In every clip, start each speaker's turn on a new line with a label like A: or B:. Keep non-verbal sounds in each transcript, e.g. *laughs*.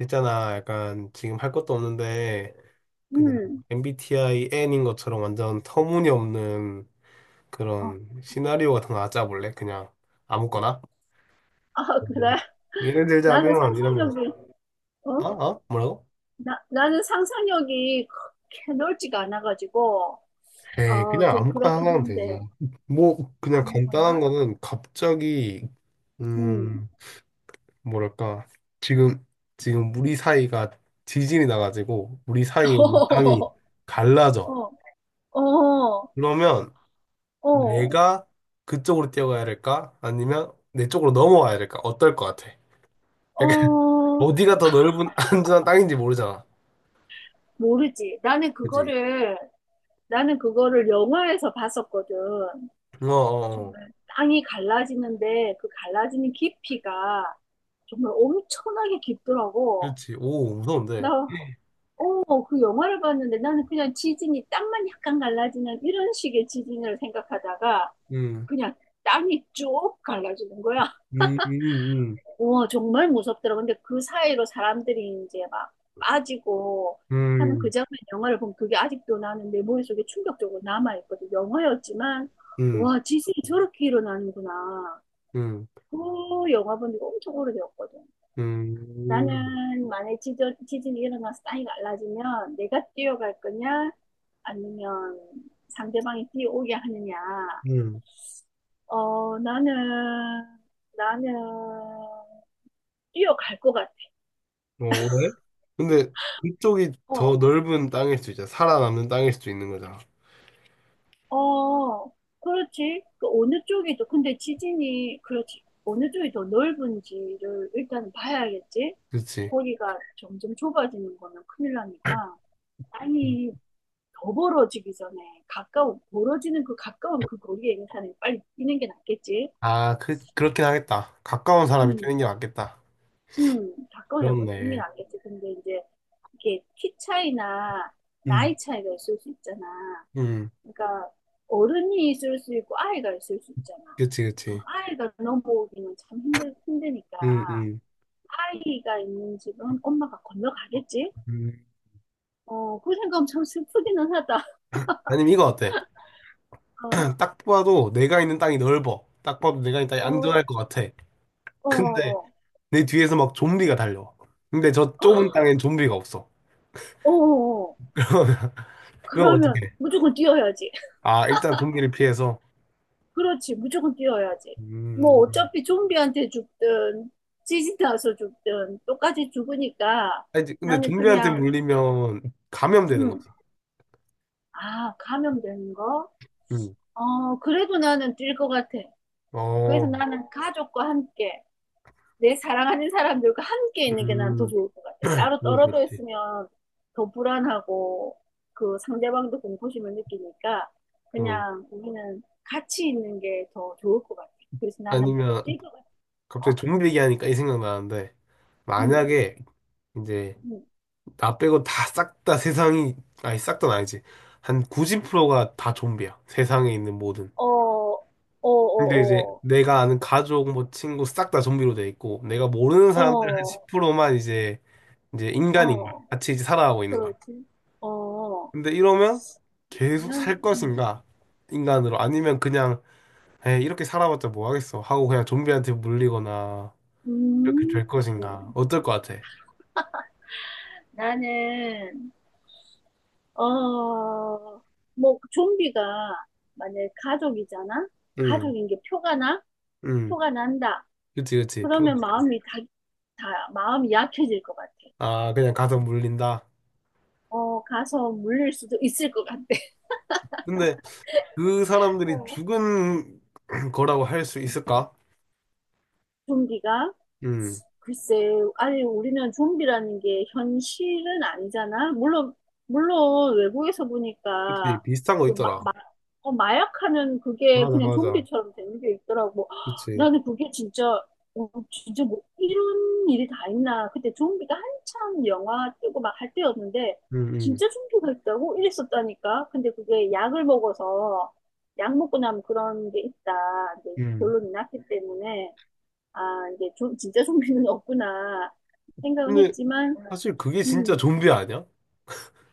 A: 있잖아, 약간 지금 할 것도 없는데 그냥
B: 음.
A: MBTI N인 것처럼 완전 터무니없는
B: 어.
A: 그런 시나리오 같은 거 하나 짜볼래? 그냥 아무거나?
B: 아,
A: 음.
B: 그래.
A: 예를
B: 나는
A: 들자면 이런 거.
B: 상상력이,
A: 아?
B: 어?
A: 아? 뭐라고?
B: 나는 상상력이 그렇게 넓지가 않아가지고,
A: 에이,
B: 어,
A: 그냥
B: 좀
A: 아무거나
B: 그렇긴
A: 하나 하면
B: 한데,
A: 되지. 뭐 그냥 간단한
B: 아무거나?
A: 거는 갑자기
B: 음.
A: 음 뭐랄까 지금 지금 우리 사이가 지진이 나가지고 우리 사이에 있는 땅이
B: *laughs*
A: 갈라져.
B: 어, 어, 어,
A: 그러면
B: 어,
A: 내가 그쪽으로 뛰어가야 될까? 아니면 내 쪽으로 넘어와야 될까? 어떨 것 같아? 약간 *laughs*
B: 어,
A: 어디가 더 넓은 *laughs* 안전한 땅인지 모르잖아.
B: 모르지. 나는
A: 그치?
B: 그거를, 나는 그거를 영화에서 봤었거든.
A: 어, 어, 어.
B: 정말 땅이 갈라지는데, 그 갈라지는 깊이가 정말 엄청나게 깊더라고.
A: 그렇지. 오,
B: 나
A: 무서운데.
B: 그 영화를 봤는데 나는 그냥 지진이 땅만 약간 갈라지는 이런 식의 지진을 생각하다가
A: 음,
B: 그냥 땅이 쭉 갈라지는 거야.
A: 음, 음,
B: 우와, 정말 무섭더라. 근데 그 사이로 사람들이 이제 막 빠지고 하는 그
A: 음,
B: 장면 영화를 보면 그게 아직도 나는 내 머릿속에 충격적으로 남아있거든. 영화였지만,
A: 음,
B: 와, 지진이 저렇게 일어나는구나.
A: 음,
B: 그 영화 본 지가 엄청 오래되었거든.
A: 음, 음,
B: 나는 만약에 지 지진이 일어나서 땅이 갈라지면 내가 뛰어갈 거냐? 아니면 상대방이 뛰어오게 하느냐?
A: 음.
B: 어, 나는 뛰어갈 것 같아.
A: 어, 왜? 근데 그쪽이
B: 어,
A: 더 넓은 땅일 수 있잖아. 살아남는 땅일 수도 있는 거잖아.
B: 어, 그렇지. 그 어느 쪽이 더, 근데 지진이, 그렇지. 어느 쪽이 더 넓은지를 일단 봐야겠지.
A: 그치?
B: 거기가 점점 좁아지는 거는 큰일 나니까. 아니, 더 벌어지기 전에 가까운 멀어지는 그 가까운 그 거리의 는사을 빨리 뛰는 게 낫겠지.
A: 아, 그렇긴 하겠다. 가까운 사람이
B: 음,
A: 뛰는 게 맞겠다.
B: 가까우나 더 뛰는 게
A: 그렇네.
B: 낫겠지. 근데 이제 이게 키 차이나
A: 음,
B: 나이 차이가 있을 수 있잖아.
A: 음.
B: 그러니까 어른이 있을 수 있고 아이가 있을 수 있잖아.
A: 그치,
B: 그럼
A: 그치.
B: 아이가 넘어오기는 참 힘드니까
A: 음, 음.
B: 아이가 있는 집은 엄마가 건너가겠지.
A: 음.
B: 어, 그 생각하면 참 슬프기는 하다.
A: 아니면 이거 어때? *clears throat*
B: *laughs*
A: 딱 봐도 내가 있는 땅이 넓어. 딱 봐도 내가 있는 땅이
B: 어,
A: 안전할 것 같아.
B: 어, 어,
A: 근데
B: 어,
A: 내 뒤에서 막 좀비가 달려. 근데 저 좁은 땅엔 좀비가 없어.
B: 어, 어.
A: *laughs* 그럼
B: 그러면
A: 어떻게?
B: 무조건 뛰어야지.
A: 아, 일단 좀비를 피해서.
B: 그렇지, 무조건 뛰어야지. 뭐
A: 음.
B: 어차피 좀비한테 죽든 지진 나서 죽든 똑같이 죽으니까
A: 아니, 근데
B: 나는
A: 좀비한테
B: 그냥
A: 물리면 감염되는
B: 음,
A: 거지.
B: 아, 감염되는 거?
A: 음.
B: 어, 그래도 나는 뛸 것 같아. 그래서
A: 어,
B: 나는 가족과 함께 내 사랑하는 사람들과 함께 있는 게 난 더
A: 음,
B: 좋을 것 같아. 따로
A: 그건
B: 떨어져
A: 그렇지.
B: 있으면 더 불안하고 그 상대방도 공포심을 느끼니까
A: 어.
B: 그냥 우리는 같이 있는 게 더 좋을 것 같아. 그래서 나는
A: 아니면
B: 즐거같어
A: 갑자기 좀비 얘기하니까 이 생각나는데,
B: 응,
A: 만약에 이제
B: 응. 어,
A: 나 빼고 다 싹 다 세상이, 아니 싹 다는 아니지, 한 90%가 다 좀비야. 세상에 있는 모든,
B: 어, 어,
A: 근데 이제
B: 어,
A: 내가 아는 가족 뭐 친구 싹 다 좀비로 돼 있고 내가 모르는
B: 어,
A: 사람들 한
B: 어,
A: 10%만 이제 인간인 거야.
B: 어,
A: 같이 이제 살아가고 있는 거야.
B: 그렇지. 어,
A: 근데 이러면 계속
B: 그러면,
A: 살 것인가, 인간으로. 아니면 그냥, 에 이렇게 살아봤자 뭐 하겠어 하고 그냥 좀비한테 물리거나 이렇게
B: 음,
A: 될 것인가.
B: 음,
A: 어떨 것 같아?
B: 나는 어, 뭐, 좀비가 만약에 가족이잖아?
A: 응.
B: 가족인 게 표가 나?
A: 응.
B: 표가 난다.
A: 그치, 그치. 표현.
B: 그러면 마음이 약해질 것 같아.
A: 아, 그냥 가서 물린다.
B: 어, 가서 물릴 수도 있을 것 같아. *laughs*
A: 근데 그 사람들이
B: 어.
A: 죽은 *clears throat* 거라고 할 수 있을까?
B: 좀비가
A: 음,
B: 글쎄, 아니, 우리는 좀비라는 게 현실은 아니잖아. 물론, 외국에서
A: 그치.
B: 보니까,
A: 비슷한 거
B: 그, 마,
A: 있더라.
B: 마, 마약하는 그게
A: 맞아,
B: 그냥
A: 맞아.
B: 좀비처럼 되는 게 있더라고. 헉,
A: 그치.
B: 나는 그게 진짜 뭐, 이런 일이 다 있나. 그때 좀비가 한참 영화 뜨고 막 할 때였는데,
A: 음, 음,
B: 진짜 좀비가 있다고? 이랬었다니까. 근데 그게 약을 먹어서, 약 먹고 나면 그런 게 있다. 이제
A: 음.
B: 결론이 났기 때문에. 아, 이게 좀 진짜 좀비는 *laughs* 없구나 생각은
A: 근데
B: 했지만,
A: 사실 그게 진짜
B: 음,
A: 좀비 아니야?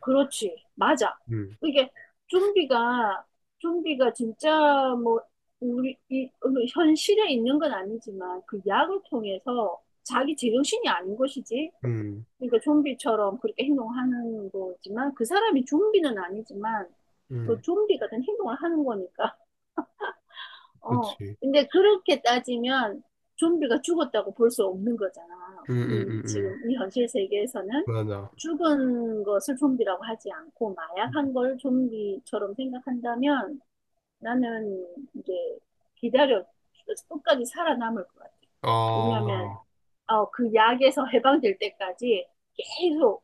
B: 그렇지. 맞아.
A: 음,
B: 이게 좀비가, 좀비가 진짜 뭐, 우리, 이, 어, 현실에 있는 건 아니지만, 그 약을 통해서 자기 제정신이 아닌 것이지.
A: 음,
B: 그러니까 좀비처럼 그렇게 행동하는 거지만, 그 사람이 좀비는 아니지만, 그
A: 음.
B: 좀비 같은 행동을 하는 거니까. 어,
A: 그치.
B: 근데 그렇게 따지면 좀비가 죽었다고 볼 수 없는 거잖아.
A: 음, 음,
B: 이,
A: 음, 음.
B: 지금 이 현실 세계에서는
A: 맞아.
B: 죽은 것을 좀비라고 하지 않고 마약한 걸 좀비처럼 생각한다면 나는 이제 기다려 끝까지 살아남을 것 같아. 왜냐하면
A: 아.
B: 그 약에서 해방될 때까지 계속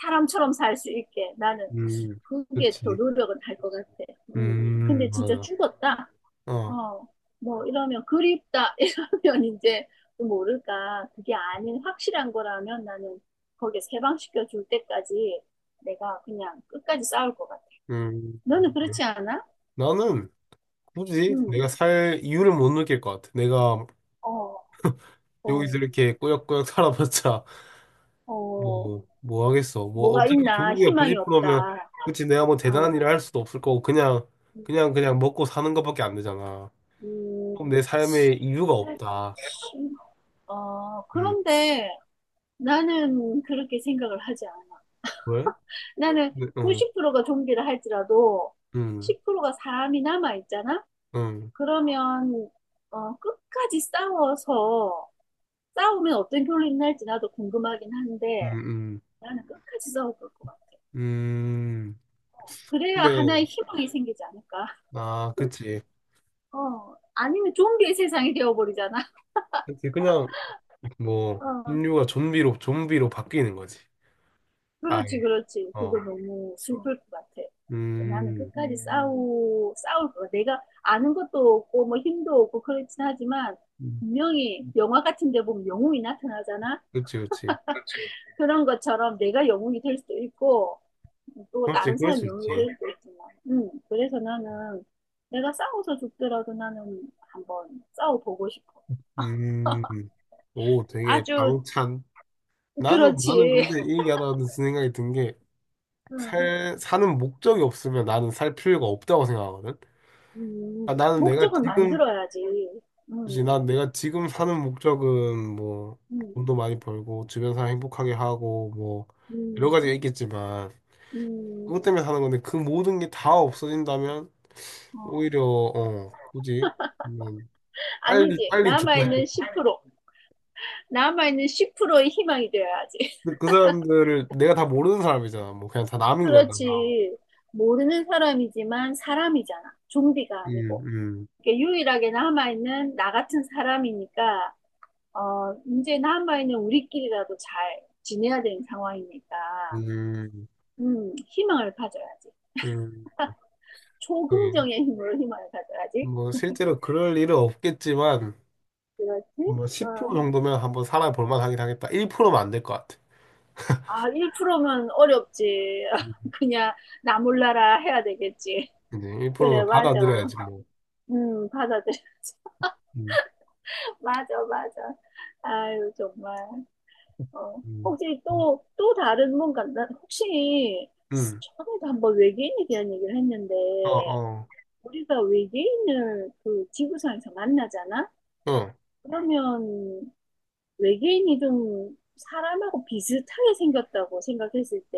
B: 사람처럼 살 수 있게 나는
A: 음,
B: 그게 더
A: 그치.
B: 노력은 할 것 같아. 음. 근데 진짜
A: 맞아.
B: 죽었다.
A: 어,
B: 어, 뭐 이러면 그립다 *laughs* 이러면 이제 또 모를까 그게 아닌 확실한 거라면 나는 거기에 해방시켜 줄 때까지 내가 그냥 끝까지 싸울 것 같아.
A: 음.
B: 너는 그렇지 않아?
A: 나는 굳이 내가
B: 응.
A: 살 이유를 못 느낄 것 같아. 내가
B: 어, 어,
A: 여기서 이렇게 꾸역꾸역 *laughs* 살아봤자
B: 어,
A: 뭐 하겠어. 뭐,
B: 뭐가
A: 어차피 좀
B: 있나?
A: 비기가
B: 희망이 없다.
A: 90%면, 그치, 내가 뭐
B: 어,
A: 대단한 일을 할 수도 없을 거고, 그냥, 그냥,
B: 음,
A: 그냥 먹고 사는 것밖에 안 되잖아.
B: 음,
A: 그럼 내 삶에 이유가 없다.
B: 어,
A: 음,
B: 그런데 나는 그렇게 생각을 하지 않아.
A: 왜?
B: 나는
A: 네, 어,
B: 90%가 좀비를 할지라도
A: 음,
B: 10%가 사람이 남아 있잖아?
A: 음,
B: 그러면 끝까지 싸워서 싸우면 어떤 결론이 날지 나도 궁금하긴
A: 음,
B: 한데
A: 음,
B: 나는 끝까지 싸워볼 것 같아.
A: 음.
B: 그래야 하나의
A: 근데,
B: 희망이 생기지 않을까?
A: 아, 그치.
B: 어, 아니면 좀비의 세상이 되어버리잖아.
A: 그치, 그냥, 뭐,
B: 어.
A: 인류가 좀비로 바뀌는 거지.
B: 그렇지,
A: 아예,
B: 그렇지. 그거
A: 어,
B: 너무 슬플 것 같아. 나는
A: 음,
B: 끝까지 싸울 거야. 내가 아는 것도 없고, 뭐 힘도 없고, 그렇긴 하지만,
A: 음.
B: 분명히 영화 같은 데 보면 영웅이 나타나잖아?
A: 그치, 그치.
B: 그런 것처럼 내가 영웅이 될 수도 있고, 또
A: 그지,
B: 다른
A: 그럴
B: 사람
A: 수
B: 영웅이
A: 있지.
B: 될 수도 있지만. 그래서 나는 내가 싸워서 죽더라도 나는 한번 싸워보고 싶어.
A: 음, 오, 되게
B: 아주,
A: 방찬. 나는
B: 그렇지.
A: 근데 이 얘기하다가 든 생각이 든 게,
B: *laughs* 음,
A: 사는 목적이 없으면 나는 살 필요가 없다고 생각하거든?
B: 음,
A: 아, 나는 내가 어,
B: 목적은
A: 지금,
B: 만들어야지.
A: 그치,
B: 음,
A: 난 내가 지금 사는 목적은 뭐,
B: 음,
A: 돈도 많이 벌고, 주변 사람 행복하게 하고, 뭐, 여러 가지가
B: 음.
A: 있겠지만,
B: 음,
A: 그것 때문에 사는 건데, 그 모든 게 다 없어진다면,
B: 어.
A: 오히려, 어, 굳이, 음, 빨리,
B: 아니지.
A: 빨리 죽고
B: 남아있는
A: 싶어.
B: 10%. 남아있는 10%의 희망이 되어야지.
A: 근데
B: *laughs*
A: 그 사람들을 내가 다 모르는 사람이잖아. 뭐, 그냥 다 남인 거잖아.
B: 그렇지. 모르는 사람이지만 사람이잖아. 좀비가 아니고.
A: 음,
B: 이렇게 유일하게 남아있는 나 같은 사람이니까, 이제 남아있는 우리끼리라도 잘 지내야 되는 상황이니까,
A: 음,
B: 희망을 가져야지.
A: 음, 음.
B: 초긍정의 힘으로 희망을 가져야지.
A: 뭐 실제로 그럴 일은 없겠지만
B: 그렇지?
A: 뭐 10%
B: 어.
A: 정도면 한번 살아볼 만하긴 하겠다. 1%면 안 될 것 같아.
B: 아, 1%면 어렵지.
A: 음.
B: *laughs* 그냥 나 몰라라 해야 되겠지.
A: 근데
B: 그래,
A: 1%면
B: 맞아.
A: 받아들여야지 뭐.
B: 받아들여.
A: 음,
B: *laughs* 맞아, 맞아. 아유, 정말. 어.
A: 음,
B: 혹시
A: 음,
B: 또 다른 뭔가, 난 혹시
A: 음.
B: 처음에도 한번 외계인에 대한 얘기를 했는데,
A: 어, 어,
B: 우리가 외계인을 그 지구상에서 만나잖아?
A: 어,
B: 그러면 외계인이 좀 사람하고 비슷하게 생겼다고 생각했을 때,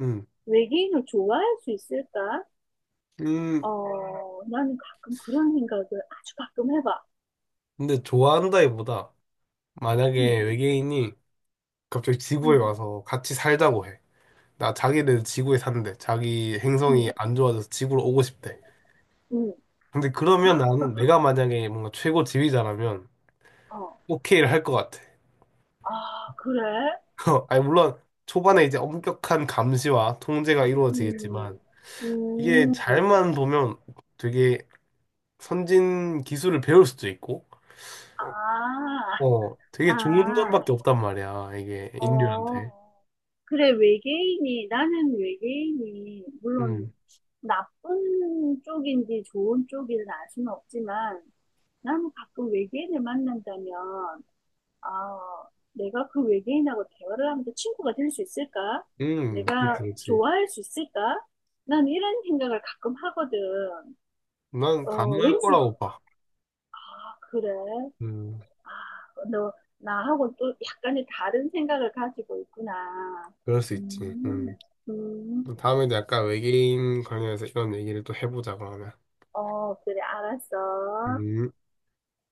A: 음,
B: 외계인을 좋아할 수 있을까?
A: 음.
B: 어, 나는 가끔 그런 생각을 아주 가끔 해봐.
A: 근데 좋아한다기보다
B: 응,
A: 만약에 외계인이 갑자기 지구에
B: 응,
A: 와서 같이 살자고 해. 나 자기네 지구에 산대. 자기
B: 응,
A: 행성이 안 좋아져서 지구로 오고 싶대.
B: 응,
A: 근데 그러면 나는 내가 만약에 뭔가 최고 지휘자라면
B: 어.
A: 오케이를 할 것 같아.
B: 아, 그래?
A: *laughs* 아니, 물론 초반에 이제 엄격한 감시와 통제가
B: 음,
A: 이루어지겠지만 이게
B: 음,
A: 잘만 보면 되게 선진 기술을 배울 수도 있고
B: 아,
A: 어 되게 좋은
B: 아,
A: 점밖에 없단 말이야. 이게 인류한테.
B: 어. 그래, 나는 외계인이, 물론
A: 음,
B: 나쁜 쪽인지 좋은 쪽인지 알 수는 없지만, 나는 가끔 외계인을 만난다면, 아, 내가 그 외계인하고 대화를 하면서 친구가 될 수 있을까?
A: 음.
B: 내가
A: 그치, 그치.
B: 좋아할 수 있을까? 난 이런 생각을 가끔 하거든.
A: 난
B: 어,
A: 가능할
B: 왠지,
A: 거라고 봐.
B: 아, 그래.
A: 음,
B: 아, 너 나하고 또 약간의 다른 생각을 가지고 있구나.
A: 그럴 수 있지.
B: 음,
A: 음. 또
B: 음,
A: 다음에도 약간 외계인 관련해서 이런 얘기를 또 해보자 그러면.
B: 어, 그래, 알았어.
A: 음.